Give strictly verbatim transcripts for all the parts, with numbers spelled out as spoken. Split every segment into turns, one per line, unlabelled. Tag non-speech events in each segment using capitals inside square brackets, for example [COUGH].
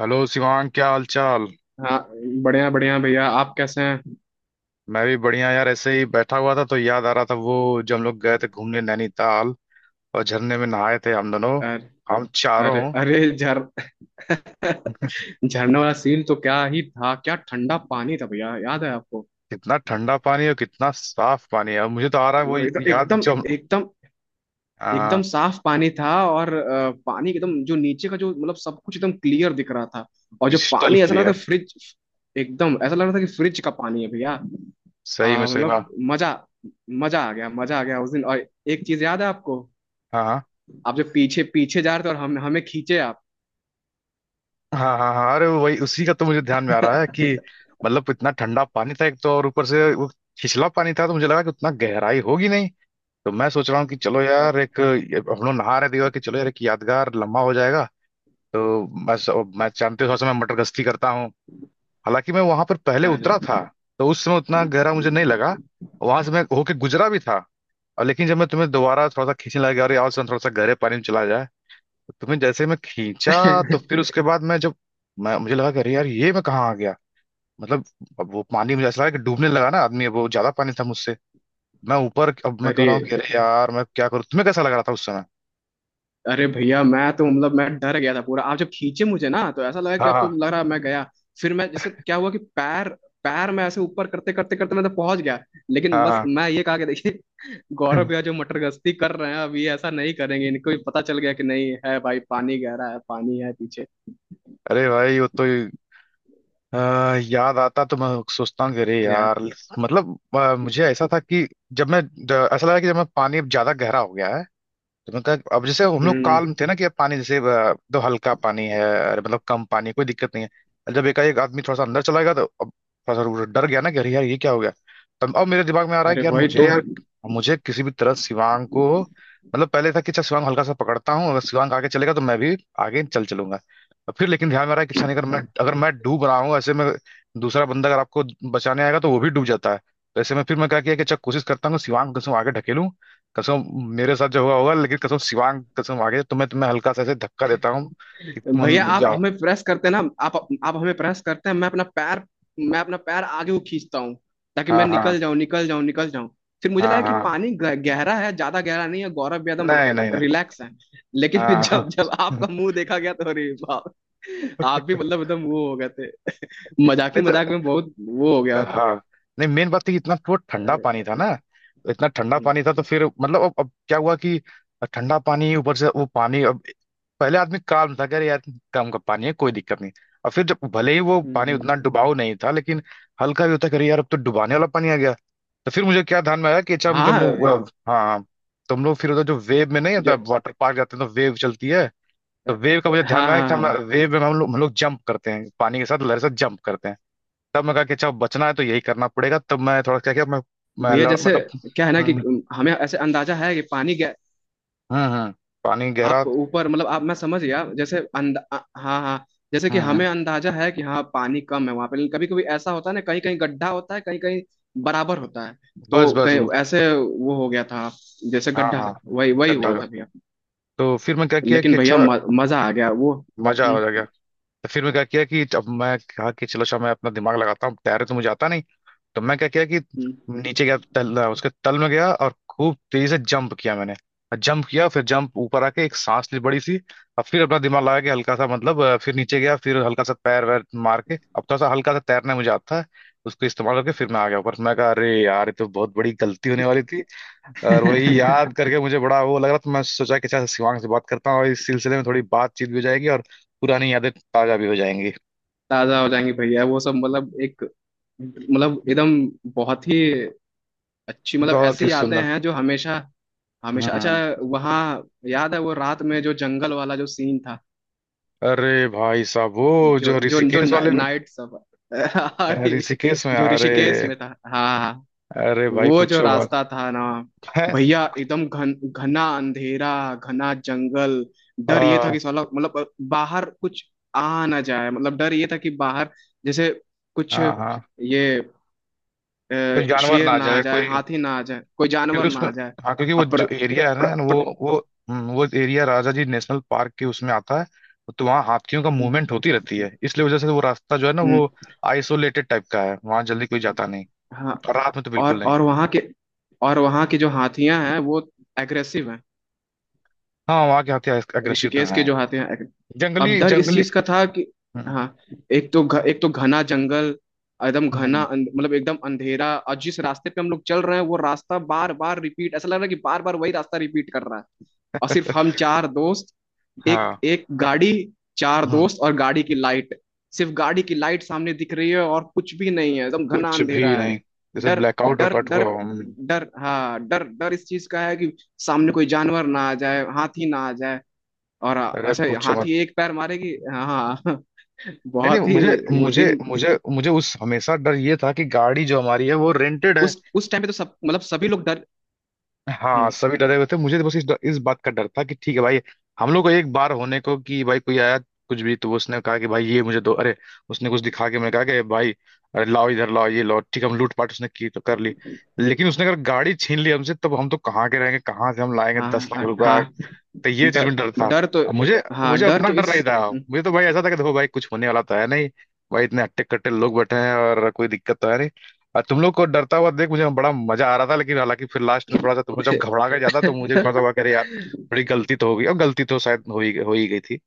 Hello Shivang क्या हाल चाल।
हाँ। बढ़िया बढ़िया भैया, आप कैसे हैं?
मैं भी बढ़िया यार। ऐसे ही बैठा हुआ था तो याद आ रहा था वो, जब हम लोग गए थे घूमने नैनीताल, और झरने में नहाए थे हम दोनों,
अरे
हम
अरे
चारों।
अरे, झर [LAUGHS] झरने वाला सीन तो क्या ही था। क्या ठंडा पानी था भैया, याद है आपको?
कितना ठंडा पानी और कितना साफ पानी है। और मुझे तो आ रहा है वो
मतलब
याद,
एकदम एकदम
जब
एकदम एकदम
हाँ,
साफ पानी था, और अ, पानी एकदम जो नीचे का, जो मतलब सब कुछ एकदम क्लियर दिख रहा था। और जो
क्रिस्टल
पानी ऐसा लग रहा था
क्लियर।
फ्रिज, एकदम ऐसा लग रहा था कि फ्रिज का पानी है भैया।
सही में,
अ,
सही में। हाँ
मतलब मजा मजा आ गया, मजा आ गया उस दिन। और एक चीज याद है आपको?
हाँ
आप जो पीछे पीछे जा रहे थे, और हम हमें खींचे आप।
हाँ। हाँ हाँ, अरे वही, उसी का तो मुझे ध्यान में आ रहा है कि मतलब इतना ठंडा पानी था एक तो, और ऊपर से वो छिछला पानी था तो मुझे लगा कि उतना गहराई होगी नहीं, तो मैं सोच रहा हूँ कि चलो यार, एक हम लोग नहा रहे थे कि चलो यार एक यादगार लम्हा हो जाएगा। तो मैं मैं जानते हो, थोड़ा सा मैं मटर गश्ती करता हूँ। हालांकि मैं वहां पर पहले
अरे
उतरा था, तो उस समय उतना गहरा मुझे हम्म, नहीं लगा। वहां से मैं होके गुजरा भी था। और लेकिन जब मैं तुम्हें दोबारा थोड़ा सा खींचने लगा, अरे और थोड़ा सा गहरे पानी में चला जाए, तो तुम्हें जैसे मैं खींचा, तो फिर उसके बाद मैं जब मैं मुझे लगा कि अरे यार, ये मैं कहाँ आ गया। मतलब अब वो पानी मुझे ऐसा लगा कि डूबने लगा ना आदमी, अब वो ज्यादा पानी था मुझसे। मैं ऊपर, अब मैं कह
अरे
रहा हूँ
[LAUGHS]
कि अरे यार मैं क्या करूँ। तुम्हें कैसा लग रहा था उस समय?
अरे भैया, मैं तो मतलब मैं डर गया था पूरा। आप जब खींचे मुझे ना, तो ऐसा लगा कि
हाँ
अब
हाँ।
तो लग रहा है मैं गया। फिर मैं, जैसे क्या हुआ कि पैर, पैर मैं ऐसे ऊपर करते करते करते मैं तो पहुंच गया। लेकिन
हाँ
बस
हाँ।
मैं ये कहा कि देखिए, गौरव भैया
[LAUGHS]
जो मटर गश्ती कर रहे हैं, अब ये ऐसा नहीं करेंगे, इनको भी पता चल गया कि नहीं है भाई, पानी गहरा है, पानी है पीछे।
अरे भाई वो तो, आ, याद आता तो मैं सोचता हूँ कि अरे
यार।
यार, मतलब आ, मुझे ऐसा था कि जब मैं द- ऐसा लगा कि जब मैं पानी अब ज्यादा गहरा हो गया है, तो मतलब अब जैसे हम लोग
हम्म।
काल्म थे ना कि अब पानी जैसे अ, तो हल्का पानी है, अरे मतलब कम पानी है, कोई दिक्कत नहीं है। और जब एकाएक आदमी थोड़ा सा अंदर चला गया, तो अब थोड़ा सा वो डर गया ना कि अरे यार ये क्या हो गया। तब अब मेरे दिमाग में आ रहा है
अरे,
कि यार
वही
मुझे
तो।
यार मुझे किसी भी तरह शिवांग को, मतलब पहले था कि अच्छा शिवांग हल्का सा पकड़ता हूँ, अगर शिवांग आगे चलेगा तो मैं भी आगे चल चलूंगा। और फिर लेकिन ध्यान में आ रहा है कि अच्छा नहीं, अगर मैं अगर मैं डूब रहा हूँ ऐसे में, दूसरा बंदा अगर आपको बचाने आएगा तो वो भी डूब जाता है। तो ऐसे में फिर मैं क्या किया कि अच्छा, कोशिश करता हूँ कि शिवांग को आगे ढकेलूं। कसम मेरे साथ जो हुआ होगा, लेकिन कसम शिवांग, कसम आगे तुम्हें तुम्हें हल्का सा ऐसे धक्का देता हूँ कि तुम
भैया,
अंदर [LAUGHS]
आप
जाओ।
हमें प्रेस करते हैं ना? आप आप हमें प्रेस करते हैं, मैं अपना पैर, मैं अपना पैर आगे को खींचता हूँ, ताकि मैं
हाँ
निकल
हाँ।
जाऊं, निकल जाऊं, निकल जाऊं। फिर मुझे
हाँ
लगा कि
हाँ।
पानी ग- गहरा है, ज्यादा गहरा नहीं है, गौरव भी एकदम
नहीं नहीं नहीं।
रिलैक्स है। लेकिन फिर
हाँ हाँ।
जब जब आपका
[LAUGHS]
मुंह देखा गया, तो अरे बाप। आप भी मतलब एकदम वो हो गए थे, मजाक ही मजाक
नहीं,
में बहुत वो हो गया
तो
होता।
हाँ, नहीं मेन बात थी कि इतना वो ठंडा
अरे।
पानी था ना। इतना ठंडा
हम्म।
पानी था, तो फिर मतलब अब अब क्या हुआ कि ठंडा पानी, ऊपर से वो पानी, अब पहले आदमी काम था, कह रहे यार काम का पानी है, कोई दिक्कत नहीं। और फिर जब भले ही वो पानी
हम्म।
उतना डुबाऊ नहीं था, लेकिन हल्का भी होता, कह रहे यार अब तो डुबाने वाला पानी आ गया। तो फिर मुझे क्या ध्यान में आया कि अच्छा मुझे हम
हाँ।
लोग, हाँ हाँ, तो हम लोग फिर उधर जो वेव में, नहीं होता
ज,
वाटर पार्क जाते हैं तो वेव चलती है, तो वेव का मुझे ध्यान
हाँ हाँ
में आया कि हम
हाँ।
वेव में, हम लोग हम लोग जंप करते हैं, पानी के साथ लहर से जंप करते हैं। तब मैं कहा कि अच्छा बचना है तो यही करना पड़ेगा। तब मैं थोड़ा क्या किया, मैं मैं
भैया
लड़
जैसे,
मतलब
क्या है ना कि
हम्म।
हमें ऐसे अंदाजा है कि पानी गह,
हम्म। हम्म, पानी
आप
गहरा।
ऊपर, मतलब आप, मैं समझ गया, जैसे अंदा अ- हाँ हाँ। जैसे कि
हम्म। हम्म,
हमें अंदाजा है कि हाँ पानी कम है वहां पे, लेकिन कभी कभी ऐसा होता है ना, कहीं कहीं गड्ढा होता है, कहीं कहीं बराबर होता है, तो
बस बस।
कहीं ऐसे वो हो गया था, जैसे
हाँ
गड्ढा,
हाँ।
वही वही हुआ
गड्ढा।
था भैया।
तो फिर मैं क्या किया
लेकिन
कि
भैया
अच्छा
म- मजा आ गया वो।
मजा आ
हम्म।
गया। तो फिर मैं क्या किया कि अब मैं कहा कि चलो अच्छा, मैं अपना दिमाग लगाता हूँ, तैरे तो मुझे आता नहीं है, तो मैं क्या किया कि
हम्म।
नीचे गया तल, उसके तल में गया, और खूब तेजी से जंप किया मैंने। जंप किया, फिर जंप ऊपर आके एक सांस ली बड़ी सी। अब फिर अपना दिमाग लगा के हल्का सा, मतलब अ, फिर नीचे गया, फिर हल्का सा पैर वैर मार के, अब थोड़ा सा हल्का सा तैरना मुझे आता है, उसको इस्तेमाल करके फिर मैं आ गया ऊपर। मैं कहा अरे यार, ये तो बहुत बड़ी गलती होने वाली थी। और वही याद
[LAUGHS]
करके मुझे बड़ा वो लग रहा था, मैं सोचा कि अच्छा शिवांग से बात करता हूँ और इस सिलसिले में थोड़ी बातचीत भी हो जाएगी और पुरानी यादें ताजा भी हो जाएंगी।
ताजा हो जाएंगे भैया, वो सब मतलब एक, मतलब एकदम, बहुत ही अच्छी, मतलब
बहुत ही
ऐसी यादें
सुंदर।
हैं जो हमेशा, हमेशा अच्छा
हम्म।
वहाँ। याद है वो रात में जो जंगल वाला जो सीन था,
अरे भाई साहब, वो
जो
जो
जो जो
ऋषिकेश
ना,
वाले में,
नाइट सब [LAUGHS] अरे,
ऋषिकेश में
जो
अरे,
ऋषिकेश में था। हाँ हाँ।
अरे भाई
वो जो
पूछो मत।
रास्ता था ना
है।
भैया, एकदम घन घना अंधेरा, घना जंगल। डर ये था
हाँ
कि साला, मतलब बाहर कुछ आ ना जाए, मतलब डर ये था कि बाहर जैसे कुछ
हाँ हाँ।
ये, अ,
कोई जानवर ना
शेर
आ
ना आ
जाए,
जाए,
कोई
हाथी ना आ जाए, कोई जानवर
क्योंकि
ना
उसमें,
आ जाए।
हाँ क्योंकि वो
अपर
जो एरिया
प्र,
है ना वो
प्र,
वो हम्म, वो area Rajaji national park के उसमें आता है। तो वहाँ हाथियों का मूवमेंट होती रहती है, इसलिए वजह से वो रास्ता जो है ना वो
हम्म।
आइसोलेटेड टाइप का है, वहाँ जल्दी कोई जाता नहीं,
हाँ।
और रात में तो बिल्कुल
और
नहीं।
और वहाँ के, और वहाँ की जो हाथियां हैं वो एग्रेसिव हैं,
हाँ, वहाँ के हाथी अग्रेसिव तो
ऋषिकेश के
हैं।
जो आते हैं। अब
जंगली
डर इस
जंगली।
चीज का था कि
हम्म।
हाँ, एक तो घ, एक तो घना जंगल, एकदम घना
हम्म।
अंध- मतलब एकदम अंधेरा, और जिस रास्ते पे हम लोग चल रहे हैं वो रास्ता बार बार रिपीट, ऐसा लग रहा है कि बार बार वही रास्ता रिपीट कर रहा है। और सिर्फ हम चार दोस्त, एक
हाँ,
एक गाड़ी, चार दोस्त और गाड़ी की लाइट, सिर्फ गाड़ी की लाइट सामने दिख रही है, और कुछ भी नहीं है, एकदम घना
कुछ
अंधेरा
भी
है।
नहीं, जैसे
डर
ब्लैकआउट और
डर
कट हुआ
डर
हो। हम्म।
डर, हाँ, डर, डर इस चीज का है कि सामने कोई जानवर ना आ जाए, हाथी ना आ जाए। और
अरे
अच्छा,
पूछो मत।
हाथी एक पैर मारेगी। हाँ हाँ [LAUGHS]
नहीं नहीं,
बहुत ही
मुझे
वो
मुझे
दिन,
मुझे मुझे उस हमेशा डर ये था कि गाड़ी जो हमारी है वो रेंटेड है।
उस उस टाइम पे तो सब मतलब सभी लोग डर।
हाँ,
हम्म।
सभी डरे हुए थे। मुझे बस इस इस बात का डर था कि ठीक है भाई, हम लोग को एक बार होने को कि भाई कोई आया, कुछ भी तो उसने कहा कि भाई ये मुझे दो, अरे उसने कुछ दिखा के मैं कहा कि भाई अरे लाओ इधर लाओ ये लाओ, ठीक है, हम लूटपाट उसने की तो कर ली। लेकिन उसने अगर गाड़ी छीन ली हमसे, तब हम तो कहाँ के रहेंगे, कहाँ से हम लाएंगे
हाँ
दस लाख
हाँ
रुपया
हाँ।
तो ये चीज
डर,
में डर था।
डर तो,
अब मुझे,
हाँ,
मुझे
डर
अपना
तो
डर नहीं
इस।
था। मुझे तो भाई ऐसा था कि देखो भाई, कुछ होने वाला तो है नहीं, भाई इतने हट्टे कट्टे लोग बैठे हैं और कोई दिक्कत तो है नहीं, और तुम लोग को डरता हुआ देख मुझे बड़ा मजा आ रहा था। लेकिन हालांकि फिर लास्ट में थोड़ा सा तुम लोग जब घबरा गए ज्यादा, तो मुझे भी थोड़ा सा हुआ कि
[LAUGHS]
अरे यार थोड़ी गलती तो हो गई। और गलती तो शायद हो ही हो ही गई थी।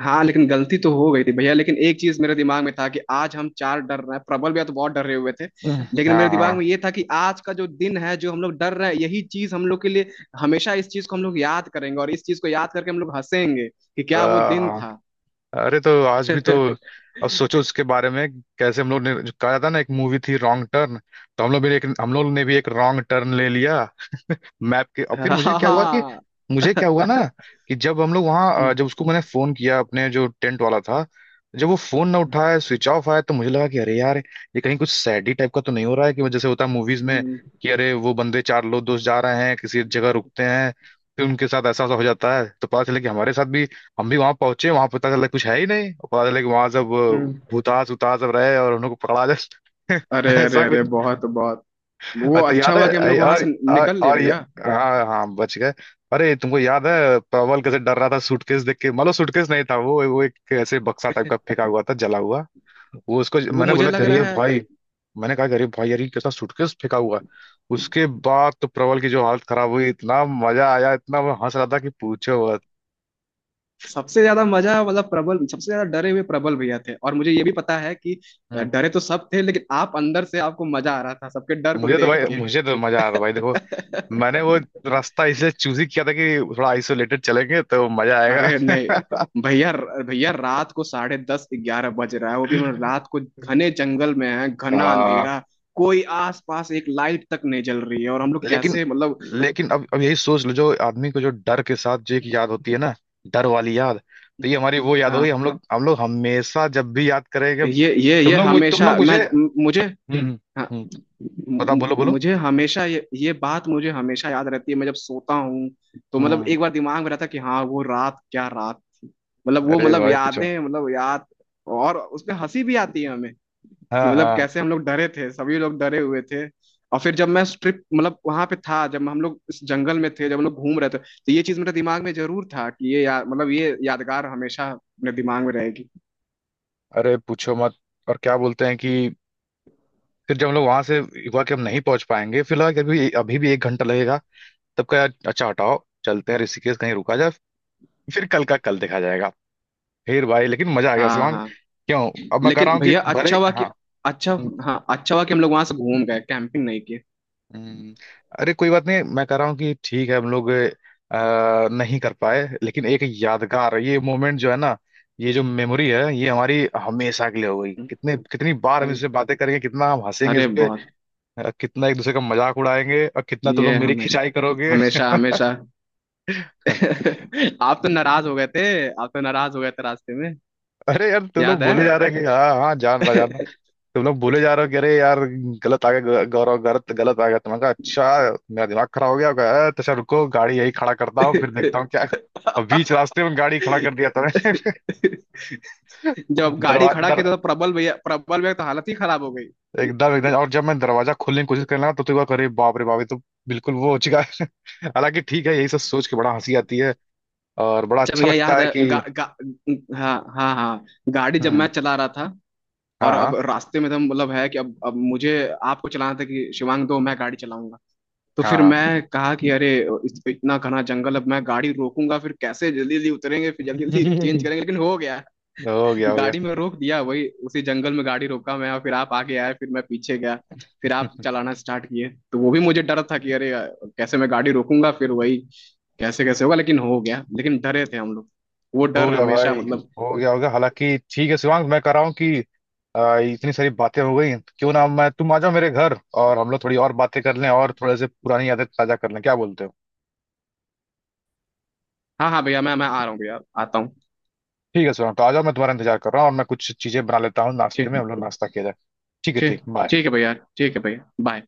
हाँ, लेकिन गलती तो हो गई थी भैया, लेकिन एक चीज मेरे दिमाग में था कि आज हम चार डर रहे हैं, प्रबल भैया तो बहुत डर रहे हुए थे,
हम्म।
लेकिन
हाँ
मेरे दिमाग
हाँ।
में ये था कि आज का जो दिन है, जो हम लोग डर रहे हैं, यही चीज हम लोग के लिए हमेशा, इस चीज को हम लोग याद करेंगे, और इस चीज को याद करके हम लोग हंसेंगे कि क्या वो दिन
अ,
था।
अरे तो
[LAUGHS]
आज भी तो
हाँ।
अब सोचो उसके बारे में, कैसे हम लोग ने, जो कहा था ना, एक मूवी थी रॉन्ग टर्न, तो हम लोग भी एक, हम लोग ने भी एक रॉन्ग टर्न ले लिया मैप के। और फिर मुझे क्या हुआ कि, मुझे क्या हुआ ना कि जब हम लोग वहाँ अ,
हम्म।
जब उसको मैंने फोन किया, अपने जो टेंट वाला था, जब वो फोन ना उठाया, स्विच ऑफ आया, तो मुझे लगा कि अरे यार, ये कहीं कुछ सैडी टाइप का तो नहीं हो रहा है, कि जैसे होता है मूवीज में
हम्म।
कि अरे वो बंदे चार लोग दोस्त जा रहे हैं, किसी जगह रुकते हैं, फिर उनके साथ ऐसा ऐसा हो जाता है। तो पता चला कि हमारे साथ भी, हम भी वहां पहुंचे, वहां पता चला कुछ है ही नहीं, और पता चला कि वहां सब
हम्म।
अ, भूतास उतास सब रहे और उन लोग को पकड़ा जाए।
अरे
[LAUGHS]
अरे
ऐसा,
अरे, बहुत बहुत वो,
और तो
अच्छा
याद है
हुआ कि हम लोग
अरे-
वहां
और,
से
और,
निकल लिए
और ये,
भैया।
हाँ हाँ बच गए। अरे तुमको याद है प्रबल कैसे डर रहा था सूटकेस देख के। मतलब सूटकेस नहीं था वो वो एक ऐसे बक्सा टाइप का फेंका हुआ था जला हुआ। वो उसको
वो
मैंने
मुझे
बोला
लग
गरीब
रहा है
भाई, मैंने कहा गरीब भाई यार ये कैसा सूटकेस फेंका हुआ है? उसके बाद तो प्रबल की जो हालत खराब हुई, इतना मजा आया, इतना वो हंस रहा था कि पूछो मत।
सबसे ज्यादा मजा, मतलब प्रबल सबसे ज्यादा डरे हुए, प्रबल भैया थे, और मुझे ये भी पता है कि
हाँ,
डरे तो सब थे, लेकिन आप अंदर से, आपको मजा आ रहा था सबके डर को
मुझे तो
देख
भाई,
के।
मुझे तो मजा आ रहा था भाई। देखो, मैंने वो
[LAUGHS]
रास्ता इसलिए चूज ही किया था कि थोड़ा आइसोलेटेड चलेंगे तो मजा
अरे
आएगा।
नहीं भैया, भैया रात को साढ़े दस, ग्यारह बज रहा है, वो भी मतलब रात
[LAUGHS]
को, घने जंगल में है, घना
हाँ,
अंधेरा, कोई आस पास एक लाइट तक नहीं जल रही है, और हम लोग
लेकिन,
कैसे, मतलब।
लेकिन अब अब यही सोच लो, जो आदमी को जो डर के साथ जो एक याद होती है ना, डर वाली याद, तो ये हमारी वो याद हो गई,
हाँ,
हम लोग हम लोग हमेशा जब भी याद करेंगे।
ये ये
तुम
ये
लोग मुझ- तुम लोग
हमेशा मैं,
मुझे हम्म।
मुझे,
हम्म
हाँ,
हम्म, बताओ
मु-
बोलो बोलो।
मुझे हमेशा ये ये बात मुझे हमेशा याद रहती है। मैं जब सोता हूँ, तो मतलब
हम्म।
एक बार दिमाग में रहता है कि हाँ वो रात क्या रात थी, मतलब वो
अरे
मतलब
भाई पूछो।
यादें मतलब याद। और उसमें हंसी भी आती है कि
हाँ
मतलब
हाँ।
कैसे हम लोग डरे थे, सभी लोग डरे हुए थे। और फिर जब मैं ट्रिप, मतलब वहां पे था, जब हम लोग इस जंगल में थे, जब हम लोग घूम रहे थे, तो ये चीज मेरे दिमाग में जरूर था कि ये या, मतलब ये यादगार हमेशा मेरे दिमाग में रहेगी।
अरे पूछो मत। और क्या बोलते हैं कि फिर जब हम लोग वहां से हुआ कि हम नहीं पहुंच पाएंगे, फिर लगा कि अभी, अभी भी एक घंटा लगेगा, तब कहा अच्छा हटाओ, चलते हैं ऋषिकेश कहीं रुका जाए, फिर कल का कल देखा जाएगा। फिर भाई, लेकिन मजा आ गया
हाँ
शिवांग।
हाँ।
क्यों अब मैं कह रहा
लेकिन
हूँ कि
भैया
[LAUGHS] भले,
अच्छा हुआ कि
हाँ।
अच्छा, हाँ अच्छा हुआ कि हम लोग वहां से घूम गए, कैंपिंग नहीं किए।
हम्म। अरे कोई बात नहीं, मैं कह रहा हूँ कि ठीक है, हम लोग अ, नहीं कर पाए, लेकिन एक यादगार ये मोमेंट जो है ना, ये जो मेमोरी है, ये हमारी हमेशा के लिए हो गई।
हम्म।
कितने, कितनी बार हम
अरे
इससे बातें करेंगे, कितना हम हंसेंगे इस
अरे,
पे,
बहुत,
अ, कितना एक दूसरे का मजाक उड़ाएंगे, और कितना तुम लोग
ये
मेरी
हमेशा,
खिंचाई करोगे।
हमेशा हमेशा
[LAUGHS]
[LAUGHS] आप तो नाराज हो गए थे, आप तो नाराज हो गए थे रास्ते में,
अरे यार तुम लोग
याद
बोले जा रहे हैं कि [LAUGHS] हाँ हाँ, जान रहा जान रहा। तुम लोग बोले जा रहे हो कि अरे यार गलत आ गया, ग- गौरव गलत गलत आ गया, तो मैंने कहा अच्छा, मेरा दिमाग खराब हो गया होगा। "अ, तो अच्छा रुको, गाड़ी यही खड़ा करता हूँ, फिर
है?
देखता हूँ क्या और बीच
[LAUGHS]
रास्ते में गाड़ी खड़ा कर दिया था मैंने। [LAUGHS]
जब गाड़ी
दरवाजा
खड़ा
दर,
किया था, तो प्रबल भैया, प्रबल भैया तो हालत ही खराब हो गई।
एकदम एकदम, और जब मैं दरवाजा खोलने की कोशिश करने लगा तो तो बार अरे बाप रे बाप, ये तो बिल्कुल वो हो चुका है। हालांकि ठीक है, यही सब सोच के बड़ा हंसी आती है, और बड़ा
अच्छा
अच्छा
भैया,
लगता
याद
है
है
कि
गा, गा, हाँ हाँ हाँ, गाड़ी जब
हम्म।
मैं चला रहा था,
हाँ
और अब
हाँ।
रास्ते में तो मतलब है कि अब अब मुझे, आपको चलाना था कि शिवांग दो मैं गाड़ी चलाऊंगा। तो फिर मैं कहा कि अरे, इस- इतना घना जंगल, अब मैं गाड़ी रोकूंगा, फिर कैसे जल्दी जल्दी उतरेंगे, फिर जल्दी जल्दी चेंज
[LAUGHS]
करेंगे, लेकिन हो गया।
हाँ हो गया हो गया।
गाड़ी में रोक दिया वही, उसी जंगल में गाड़ी रोका मैं, और फिर आप आगे आए, फिर मैं पीछे गया। फिर आप चलाना स्टार्ट किए, तो वो भी मुझे डर था कि अरे, कैसे मैं गाड़ी रोकूंगा फिर, वही कैसे कैसे होगा, लेकिन हो गया, लेकिन डरे थे हम लोग, वो
हो
डर
गया
हमेशा
भाई,
मतलब।
हो गया हो गया। हालांकि ठीक है शिवांग, मैं कह रहा हूँ कि आ, इतनी सारी बातें हो गई, क्यों ना मैं, तुम आ जाओ मेरे घर, और हम लोग थोड़ी और बातें कर लें और थोड़े से पुरानी यादें ताजा कर लें, क्या बोलते हो।
हाँ हाँ भैया, मैं मैं आ रहा हूँ भैया, आता हूँ।
ठीक है शिवांग, तो आ जाओ, मैं तुम्हारा इंतजार कर रहा हूँ, और मैं कुछ चीजें बना लेता हूँ नाश्ते
ठीक।
में, हम लोग नाश्ता किया जाए। ठीक है
ठीक।
ठीक, बाय।
ठीक है भैया, ठीक है भैया, बाय।